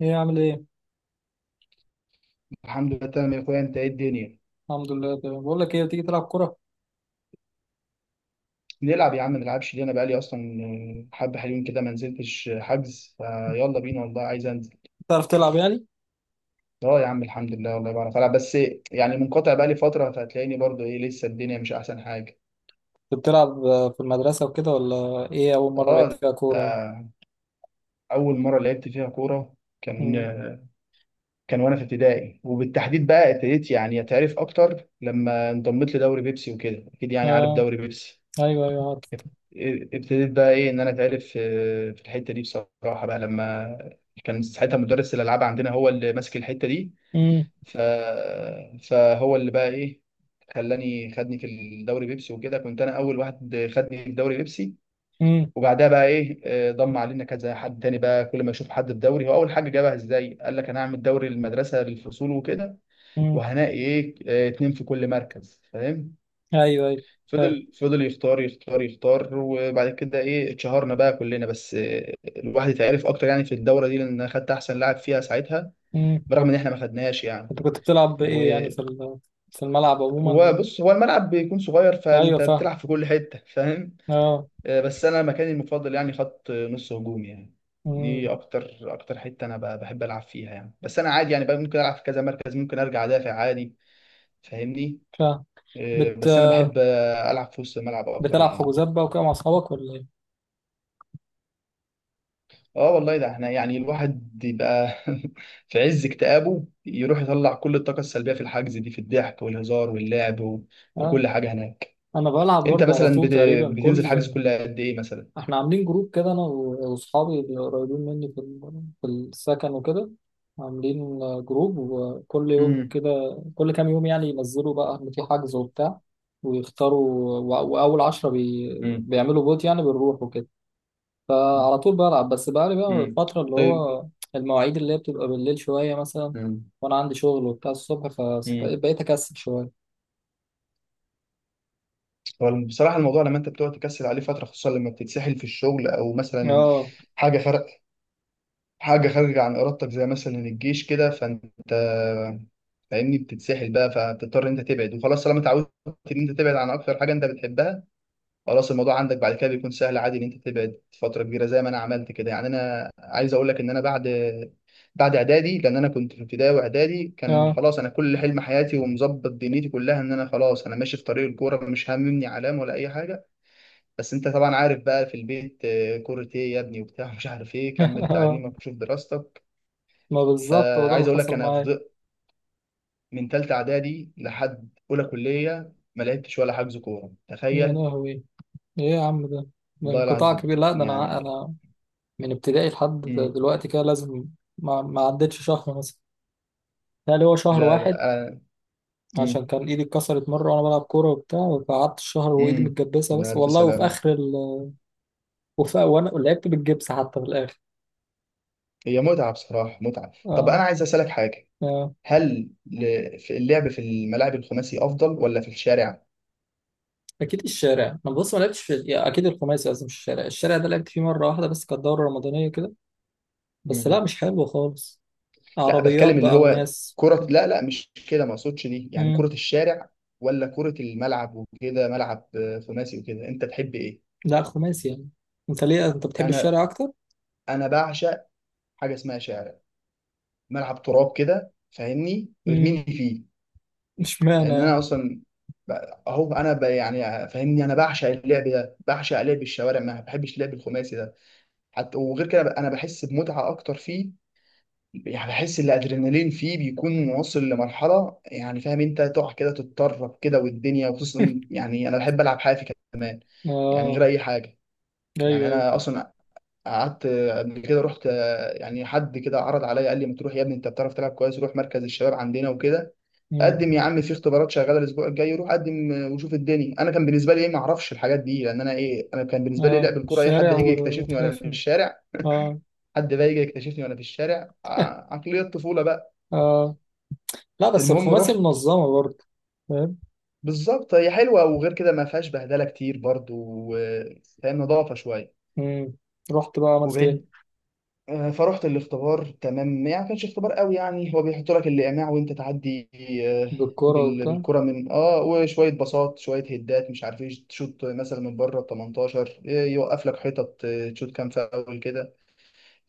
ايه عامل ايه؟ الحمد لله تمام يا اخويا، انت ايه الدنيا؟ الحمد لله تمام، بقول لك ايه، تيجي تلعب كورة؟ نلعب يا عم، ما نلعبش ليه؟ انا بقالي اصلا حبه حلوين كده ما نزلتش. حجز فيلا بينا والله عايز انزل. تعرف تلعب يعني؟ اه يا عم، الحمد لله، والله بعرف العب. بس يعني منقطع بقالي فتره، فهتلاقيني برضو ايه لسه، الدنيا مش احسن حاجه. كنت بتلعب في المدرسة وكده، ولا ايه أول مرة اه، لعبت فيها ده كورة يعني؟ اول مره لعبت فيها كوره كان امم. كان وانا في ابتدائي، وبالتحديد بقى ابتديت يعني اتعرف اكتر لما انضميت لدوري بيبسي وكده. اكيد يعني عارف اه. دوري بيبسي. ايوه، ايوه عارف. ابتديت بقى ايه ان انا اتعرف في الحته دي بصراحه، بقى لما كان ساعتها مدرس الالعاب عندنا هو اللي ماسك الحته دي. امم. ف... فهو اللي بقى ايه، خلاني، خدني في الدوري بيبسي وكده، كنت انا اول واحد خدني في الدوري بيبسي. امم. وبعدها بقى ايه ضم علينا كذا حد تاني. بقى كل ما يشوف حد في دوري، هو اول حاجه جابها ازاي، قال لك انا هعمل دوري المدرسه للفصول وكده، امم. وهنلاقي ايه اتنين في كل مركز، فاهم؟ ايوه، ايوه فاهم. فضل فضل يختار يختار يختار، وبعد كده ايه اتشهرنا بقى كلنا. بس الواحد اتعرف اكتر يعني في الدوره دي، لان أنا خدت احسن لاعب فيها ساعتها، امم. برغم ان احنا ما خدناهاش يعني. انت كنت بتلعب وهو، ايه يعني في الملعب عموما؟ بص، هو الملعب بيكون صغير، ايوه فانت فاهم. بتلعب في كل حته، فاهم؟ اه. بس انا مكاني المفضل يعني خط نص هجوم يعني. امم. دي اكتر اكتر حته انا بحب العب فيها يعني. بس انا عادي يعني بقى، ممكن العب في كذا مركز، ممكن ارجع ادافع عادي، فاهمني؟ فاهم. بت بس انا بحب العب في وسط الملعب اكتر بتلعب يعني. حجوزات بقى وكده مع اصحابك، ولا ايه؟ اه والله، ده احنا يعني الواحد يبقى في عز اكتئابه يروح يطلع كل الطاقة السلبية في الحجز دي، في الضحك والهزار واللعب اه، وكل حاجة هناك. انا بلعب انت برضه على مثلا طول تقريبا بتنزل كل... حجز كل قد ايه مثلا؟ احنا عاملين جروب كده، انا واصحابي اللي قريبين مني في السكن وكده. عاملين جروب، وكل يوم امم، كده، كل كام يوم يعني ينزلوا بقى ان في حجز وبتاع، ويختاروا، واول 10 امم، بيعملوا فوت، يعني بنروح وكده. فعلى طول بلعب، بس بقالي بقى امم، الفترة اللي طيب، هو... المواعيد اللي هي بتبقى بالليل شوية مثلا، امم، وانا عندي شغل وبتاع الصبح، امم. فبقيت اكسل شوية. هو بصراحة الموضوع لما انت بتقعد تكسل عليه فترة، خصوصا لما بتتسحل في الشغل، او مثلا اه. حاجة خارجة حاجة خارجة عن إرادتك زي مثلا الجيش كده، فأنت فاهمني، بتتسحل بقى، فتضطر إن أنت تبعد، وخلاص طالما اتعودت إن أنت تبعد عن أكتر حاجة أنت بتحبها، خلاص الموضوع عندك بعد كده بيكون سهل عادي إن أنت تبعد فترة كبيرة. زي ما أنا عملت كده يعني، أنا عايز أقول لك إن أنا بعد إعدادي، لأن أنا كنت في ابتدائي وإعدادي كان اه. خلاص أنا كل حلم حياتي ومظبط دنيتي كلها إن أنا خلاص أنا ماشي في طريق الكورة، مش هاممني علام ولا أي حاجة. بس أنت طبعا عارف بقى في البيت كورة إيه يا ابني وبتاع، مش عارف إيه، كمل اه، تعليمك وشوف دراستك. ما بالظبط هو ده فعايز اللي اقول لك حصل انا معايا. فضلت من ثالثه اعدادي لحد اولى كليه ما لعبتش ولا حجز كوره، يا تخيل. لهوي، ايه يا عم ده، ده والله انقطاع العظيم كبير. لا ده انا يعني. انا من ابتدائي لحد مم. دلوقتي كده لازم... ما عدتش شهر مثلا، يعني هو شهر لا واحد. لا. آه. مم. عشان كان ايدي اتكسرت مره وانا بلعب كوره وبتاع، فقعدت الشهر وايدي مم. متجبسه، يا بس الف والله، وفي سلام. اخر ال... وفي وانا لعبت بالجبس حتى في الاخر. هي متعه بصراحه، متعه. طب اه. انا عايز اسالك حاجه، اه، هل في اللعب في الملاعب الخماسي افضل ولا في الشارع؟ اكيد الشارع. انا بص، ما لعبتش في... يا اكيد الخماسي لازم، مش الشارع. الشارع ده لعبت فيه مره واحده بس، كانت دوره رمضانيه كده، بس لا مم. مش حلو خالص. لا، عربيات بتكلم اللي بقى هو وناس. كره. لا لا، مش كده، ما اقصدش دي، يعني كره امم. الشارع ولا كره الملعب وكده ملعب خماسي وكده، انت تحب ايه؟ لا، خماسي يعني. انت ليه انت بتحب انا الشارع اكتر؟ انا بعشق حاجه اسمها شارع، ملعب تراب كده، فاهمني؟ مم. ارميني فيه. اشمعنى لان يعني؟ انا اصلا ب- يعني فاهمني انا بعشق اللعب ده، بعشق لعب الشوارع، ما بحبش اللعب الخماسي ده. حتى وغير كده، انا بحس بمتعه اكتر فيه. يعني بحس ان الادرينالين فيه بيكون واصل لمرحله يعني، فاهم؟ انت تقع كده، تتطرب كده، والدنيا، وخصوصا يعني انا بحب العب حافي كمان، يعني غير اه. اي حاجه. ايوه، يعني ايوه. انا اصلا قعدت قبل كده، رحت، يعني حد كده عرض عليا، قال لي ما تروح يا ابني، انت بتعرف تلعب كويس، روح مركز الشباب عندنا وكده، مم. قدم يا عم، في اختبارات شغاله الاسبوع الجاي، روح قدم وشوف الدنيا. انا كان بالنسبه لي ايه، ما اعرفش الحاجات دي، لان انا ايه، انا كان بالنسبه لي اه، لعب الكوره ايه، حد الشارع هيجي يكتشفني وانا في والحافي. الشارع؟ اه. حد بقى يجي يكتشفني وانا في الشارع، عقليه الطفوله بقى. اه، لا بس المهم الخماسي رحت، منظمة برضه. فاهم. بالظبط، هي حلوه، وغير كده ما فيهاش بهدله كتير برضو، و- فاهم، نظافه شويه مم. رحت بقى عملت وبعيد. ايه؟ فرحت الاختبار تمام يعني، ما كانش اختبار قوي يعني، هو بيحط لك الايماع وانت تعدي آه، بالكورة وبتاع. بالكره، من اه وشويه باصات، شويه هدات، مش عارف ايه، تشوط مثلا من بره ال 18، يوقف لك حتت تشوط كام فاول كده.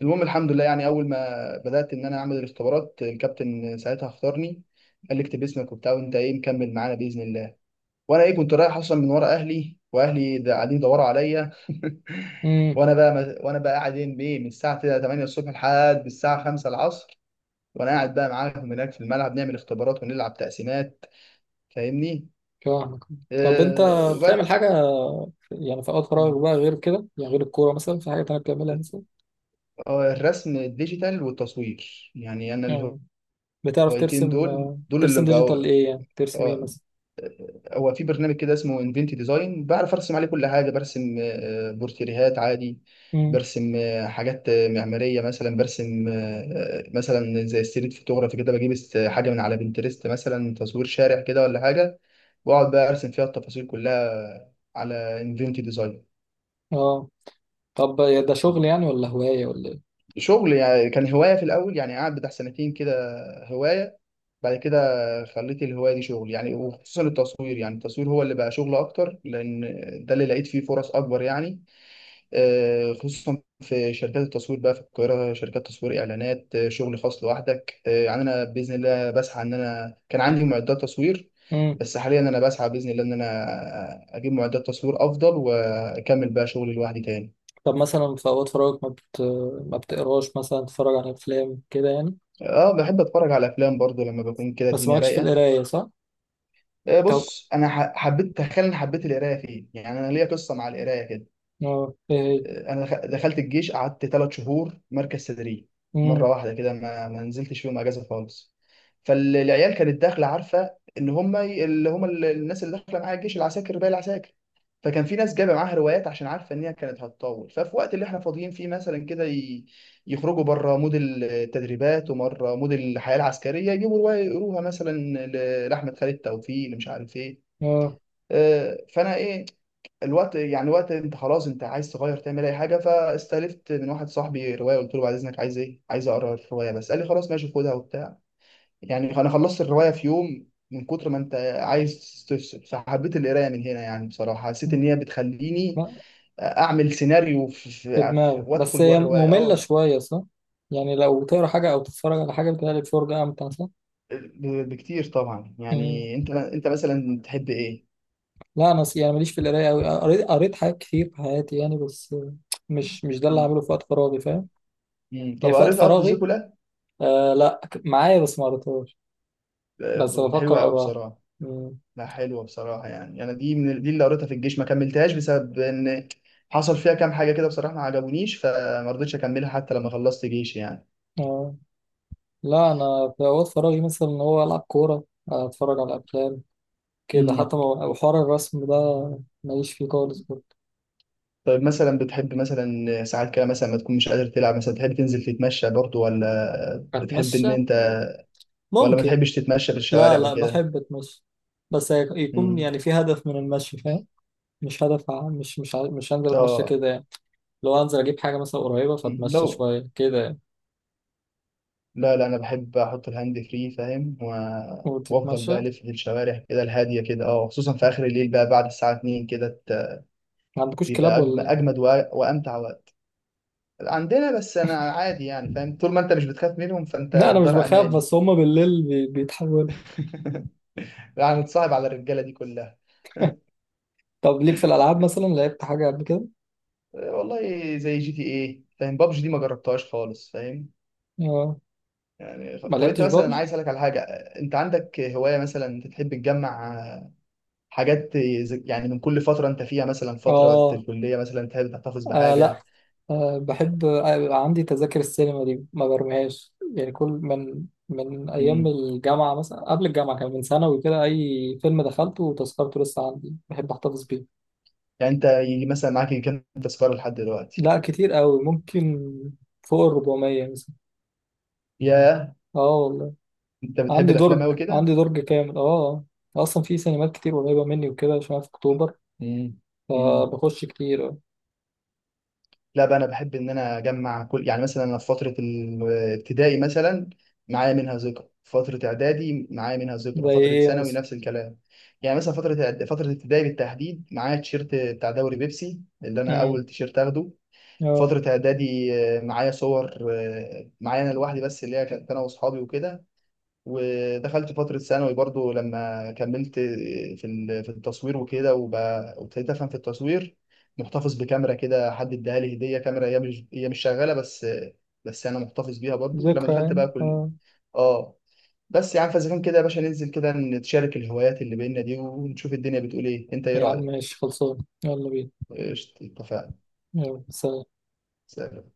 المهم الحمد لله، يعني اول ما بدات ان انا اعمل الاختبارات الكابتن ساعتها اختارني، قال لي اكتب اسمك وبتاع، وانت ايه مكمل معانا باذن الله. وانا ايه، كنت رايح اصلا من ورا اهلي، واهلي ده قاعدين يدوروا عليا امم. وانا بقى ما... وانا بقى قاعد إيه بإيه؟ من الساعه 8 الصبح لحد الساعه 5 العصر، وانا قاعد بقى معاهم هناك في الملعب نعمل اختبارات ونلعب تقسيمات، فاهمني؟ فاهمك. طب انت وبس. بتعمل حاجة يعني في اوقات فراغك مم. بقى غير كده، يعني غير الكورة مثلا في حاجة تانية بتعملها مثلا؟ الرسم الديجيتال والتصوير يعني، انا اه، بتعرف الهوايتين ترسم دول آه، دول اللي ترسم بقوا. ديجيتال؟ ايه يعني ترسم ايه آه، مثلا؟ هو في برنامج كده اسمه انفنتي ديزاين، بعرف ارسم عليه كل حاجه، برسم بورتريهات عادي، امم. برسم آه، حاجات آه، معماريه مثلا، برسم مثلا زي ستريت فوتوغرافي كده، بجيب حاجه من على بنترست مثلا، تصوير شارع كده ولا حاجه، واقعد بقى ارسم فيها التفاصيل كلها على انفنتي ديزاين. اه. طب ده شغل يعني، ولا هواية ولا شغل يعني، كان هوايه في الاول يعني، قعد بتاع سنتين كده هوايه، بعد كده خليت الهواية دي شغل يعني، وخصوصا التصوير يعني، التصوير هو اللي بقى شغل أكتر، لأن ده اللي لقيت فيه فرص أكبر يعني. خصوصا في شركات التصوير بقى في القاهرة، شركات تصوير إعلانات، شغل خاص لوحدك. يعني أنا بإذن الله بسعى إن أنا كان عندي معدات تصوير، ايه؟ بس حاليا أنا بسعى بإذن الله إن أنا أجيب معدات تصوير أفضل، وأكمل بقى شغلي لوحدي تاني. طب مثلا في اوقات فراغك ما بتقراش مثلا، تتفرج على افلام كده يعني؟ أه، بحب أتفرج على أفلام برضو لما بكون كده بس الدنيا مالكش في رايقة. القرايه، صح؟ طب بص انا حبيت، تخيل اني حبيت القرايه فين؟ يعني انا ليا قصه مع القرايه كده. اه، ايه هي؟ انا دخلت الجيش، قعدت ثلاث شهور مركز تدريب، مره امم. واحده كده، ما نزلتش فيهم اجازه خالص. فالعيال كانت داخله عارفه ان هم الناس اللي داخله معايا الجيش، العساكر، باقي العساكر، فكان في ناس جايبه معاها روايات عشان عارفه ان هي كانت هتطول. ففي وقت اللي احنا فاضيين فيه مثلا كده، يخرجوا بره مود التدريبات ومره مود الحياه العسكريه، يجيبوا روايه يقروها مثلا، لاحمد خالد توفيق اللي مش عارف ايه. اه. آه، فانا ايه الوقت يعني، وقت انت خلاص انت عايز تغير، تعمل اي حاجه، فاستلفت من واحد صاحبي روايه، قلت له بعد اذنك عايز ايه، عايز اقرا الروايه بس، قال لي خلاص ماشي خدها وبتاع. يعني انا خلصت الروايه في يوم، من كتر ما انت عايز تفصل، فحبيت القرايه من هنا يعني. بصراحه حسيت ان مم. هي بتخليني لا، اعمل سيناريو في, في في, في دماغك بس، وادخل جوه هي الروايه. ممله اه، شويه صح؟ يعني لو تقرا حاجه او تتفرج على حاجه، بتبقى فرجه امتع صح؟ بكتير طبعا امم. يعني. انت انت مثلا تحب ايه؟ لا انا يعني ماليش في القرايه قوي، قريت حاجات كتير في حياتي يعني، بس مش ده اللي مم. هعمله في وقت فراغي، فاهم؟ مم. طب يعني في وقت قريت ارض فراغي. زيكولا؟ آه لا، معايا بس ما قريتهاش، بس بفكر حلوه قوي اقراها. بصراحه. امم. لا حلوة بصراحة، يعني أنا دي من دي اللي قريتها في الجيش ما كملتهاش، بسبب إن حصل فيها كام حاجة كده بصراحة ما عجبونيش، فما رضيتش أكملها حتى لما خلصت جيش يعني. اه. لا انا في اوقات فراغي مثلا ان هو العب كوره، اتفرج على افلام كده امم. حتى، وحوار الرسم ده ماليش فيه خالص برضه. طيب مثلا بتحب مثلا ساعات كده، مثلا ما تكون مش قادر تلعب مثلا، تحب تنزل تتمشى برضو ولا بتحب اتمشى، إن أنت، ولا ما ممكن. تحبش تتمشى في لا الشوارع لا وكده؟ بحب اتمشى، بس يكون امم. يعني في هدف من المشي، فاهم؟ مش هدف ع- مش مش ع- مش هنزل اتمشى آه، كده يعني. لو هنزل اجيب حاجه مثلا قريبه، فاتمشى لو شويه كده يعني. لا لا أنا بحب أحط الهاند فري فاهم، وأفضل وتتمشى. بقى ألف في الشوارع كده الهادية كده، آه خصوصا في آخر الليل بقى، بعد الساعة 2 كده، ما عندكوش كلاب بيبقى ولا ايه؟ اجمد وامتع وقت. عندنا، بس انا عادي يعني فاهم، طول ما انت مش بتخاف منهم فانت لا انا مش الدار امان بخاف، يعني. بس هما بالليل بيتحولوا. يعني اتصاحب على الرجاله دي كلها. طب ليك في الالعاب مثلا، لعبت حاجه قبل كده؟ والله زي جي تي ايه فاهم، بابجي دي ما جربتهاش خالص، فاهم؟ اه. يعني ما طب انت لعبتش مثلا، بابجي. عايز اسالك على حاجه، انت عندك هوايه مثلا، انت تحب تجمع يعني من كل فتره انت فيها، مثلا فتره اه. الكليه مثلا، تحب تحتفظ آه لا، بحاجه؟ آه بحب. يبقى عندي تذاكر السينما دي ما برميهاش يعني، كل من أيام مم. الجامعة مثلا، قبل الجامعة كان من ثانوي كده، أي فيلم دخلته وتذكرته لسه عندي، بحب أحتفظ بيه. يعني انت يجي مثلا معاك كام تذكره لحد دلوقتي؟ لا كتير أوي، ممكن فوق ال400 مثلا. ياه، اه والله. انت بتحب عندي الافلام درج، قوي كده. عندي درج كامل، اه. آه. أصلا في سينمات كتير قريبة مني وكده عشان أنا في أكتوبر، مم. مم. فبخش كتير آه. لا بقى انا بحب ان انا اجمع كل، يعني مثلا انا في فتره الابتدائي مثلا معايا منها ذكرى، فتره اعدادي معايا منها زي ذكرى، فتره إيه ثانوي مثلا؟ نفس الكلام. يعني مثلا فتره فتره ابتدائي بالتحديد معايا التيشيرت بتاع دوري بيبسي، اللي انا مم، اول تيشيرت اخده. اه، فتره اعدادي معايا صور معايا انا لوحدي بس، اللي هي كانت انا واصحابي وكده. ودخلت فترة ثانوي برضو لما كملت في في التصوير وكده، وابتديت أفهم في التصوير، محتفظ بكاميرا كده، حد اداها لي هدية، كاميرا هي مش شغالة، بس بس أنا محتفظ بيها برضو. لما ذكرى دخلت يعني، بقى كل، اه. آه، بس يا عم، فإذا كان كده يا باشا ننزل كده نتشارك الهوايات اللي بينا دي، ونشوف الدنيا بتقول إيه، أنت إيه يا عم رأيك؟ ماشي خلصان، يلا بينا. قشطة اتفقنا. يلا سلام. سلام.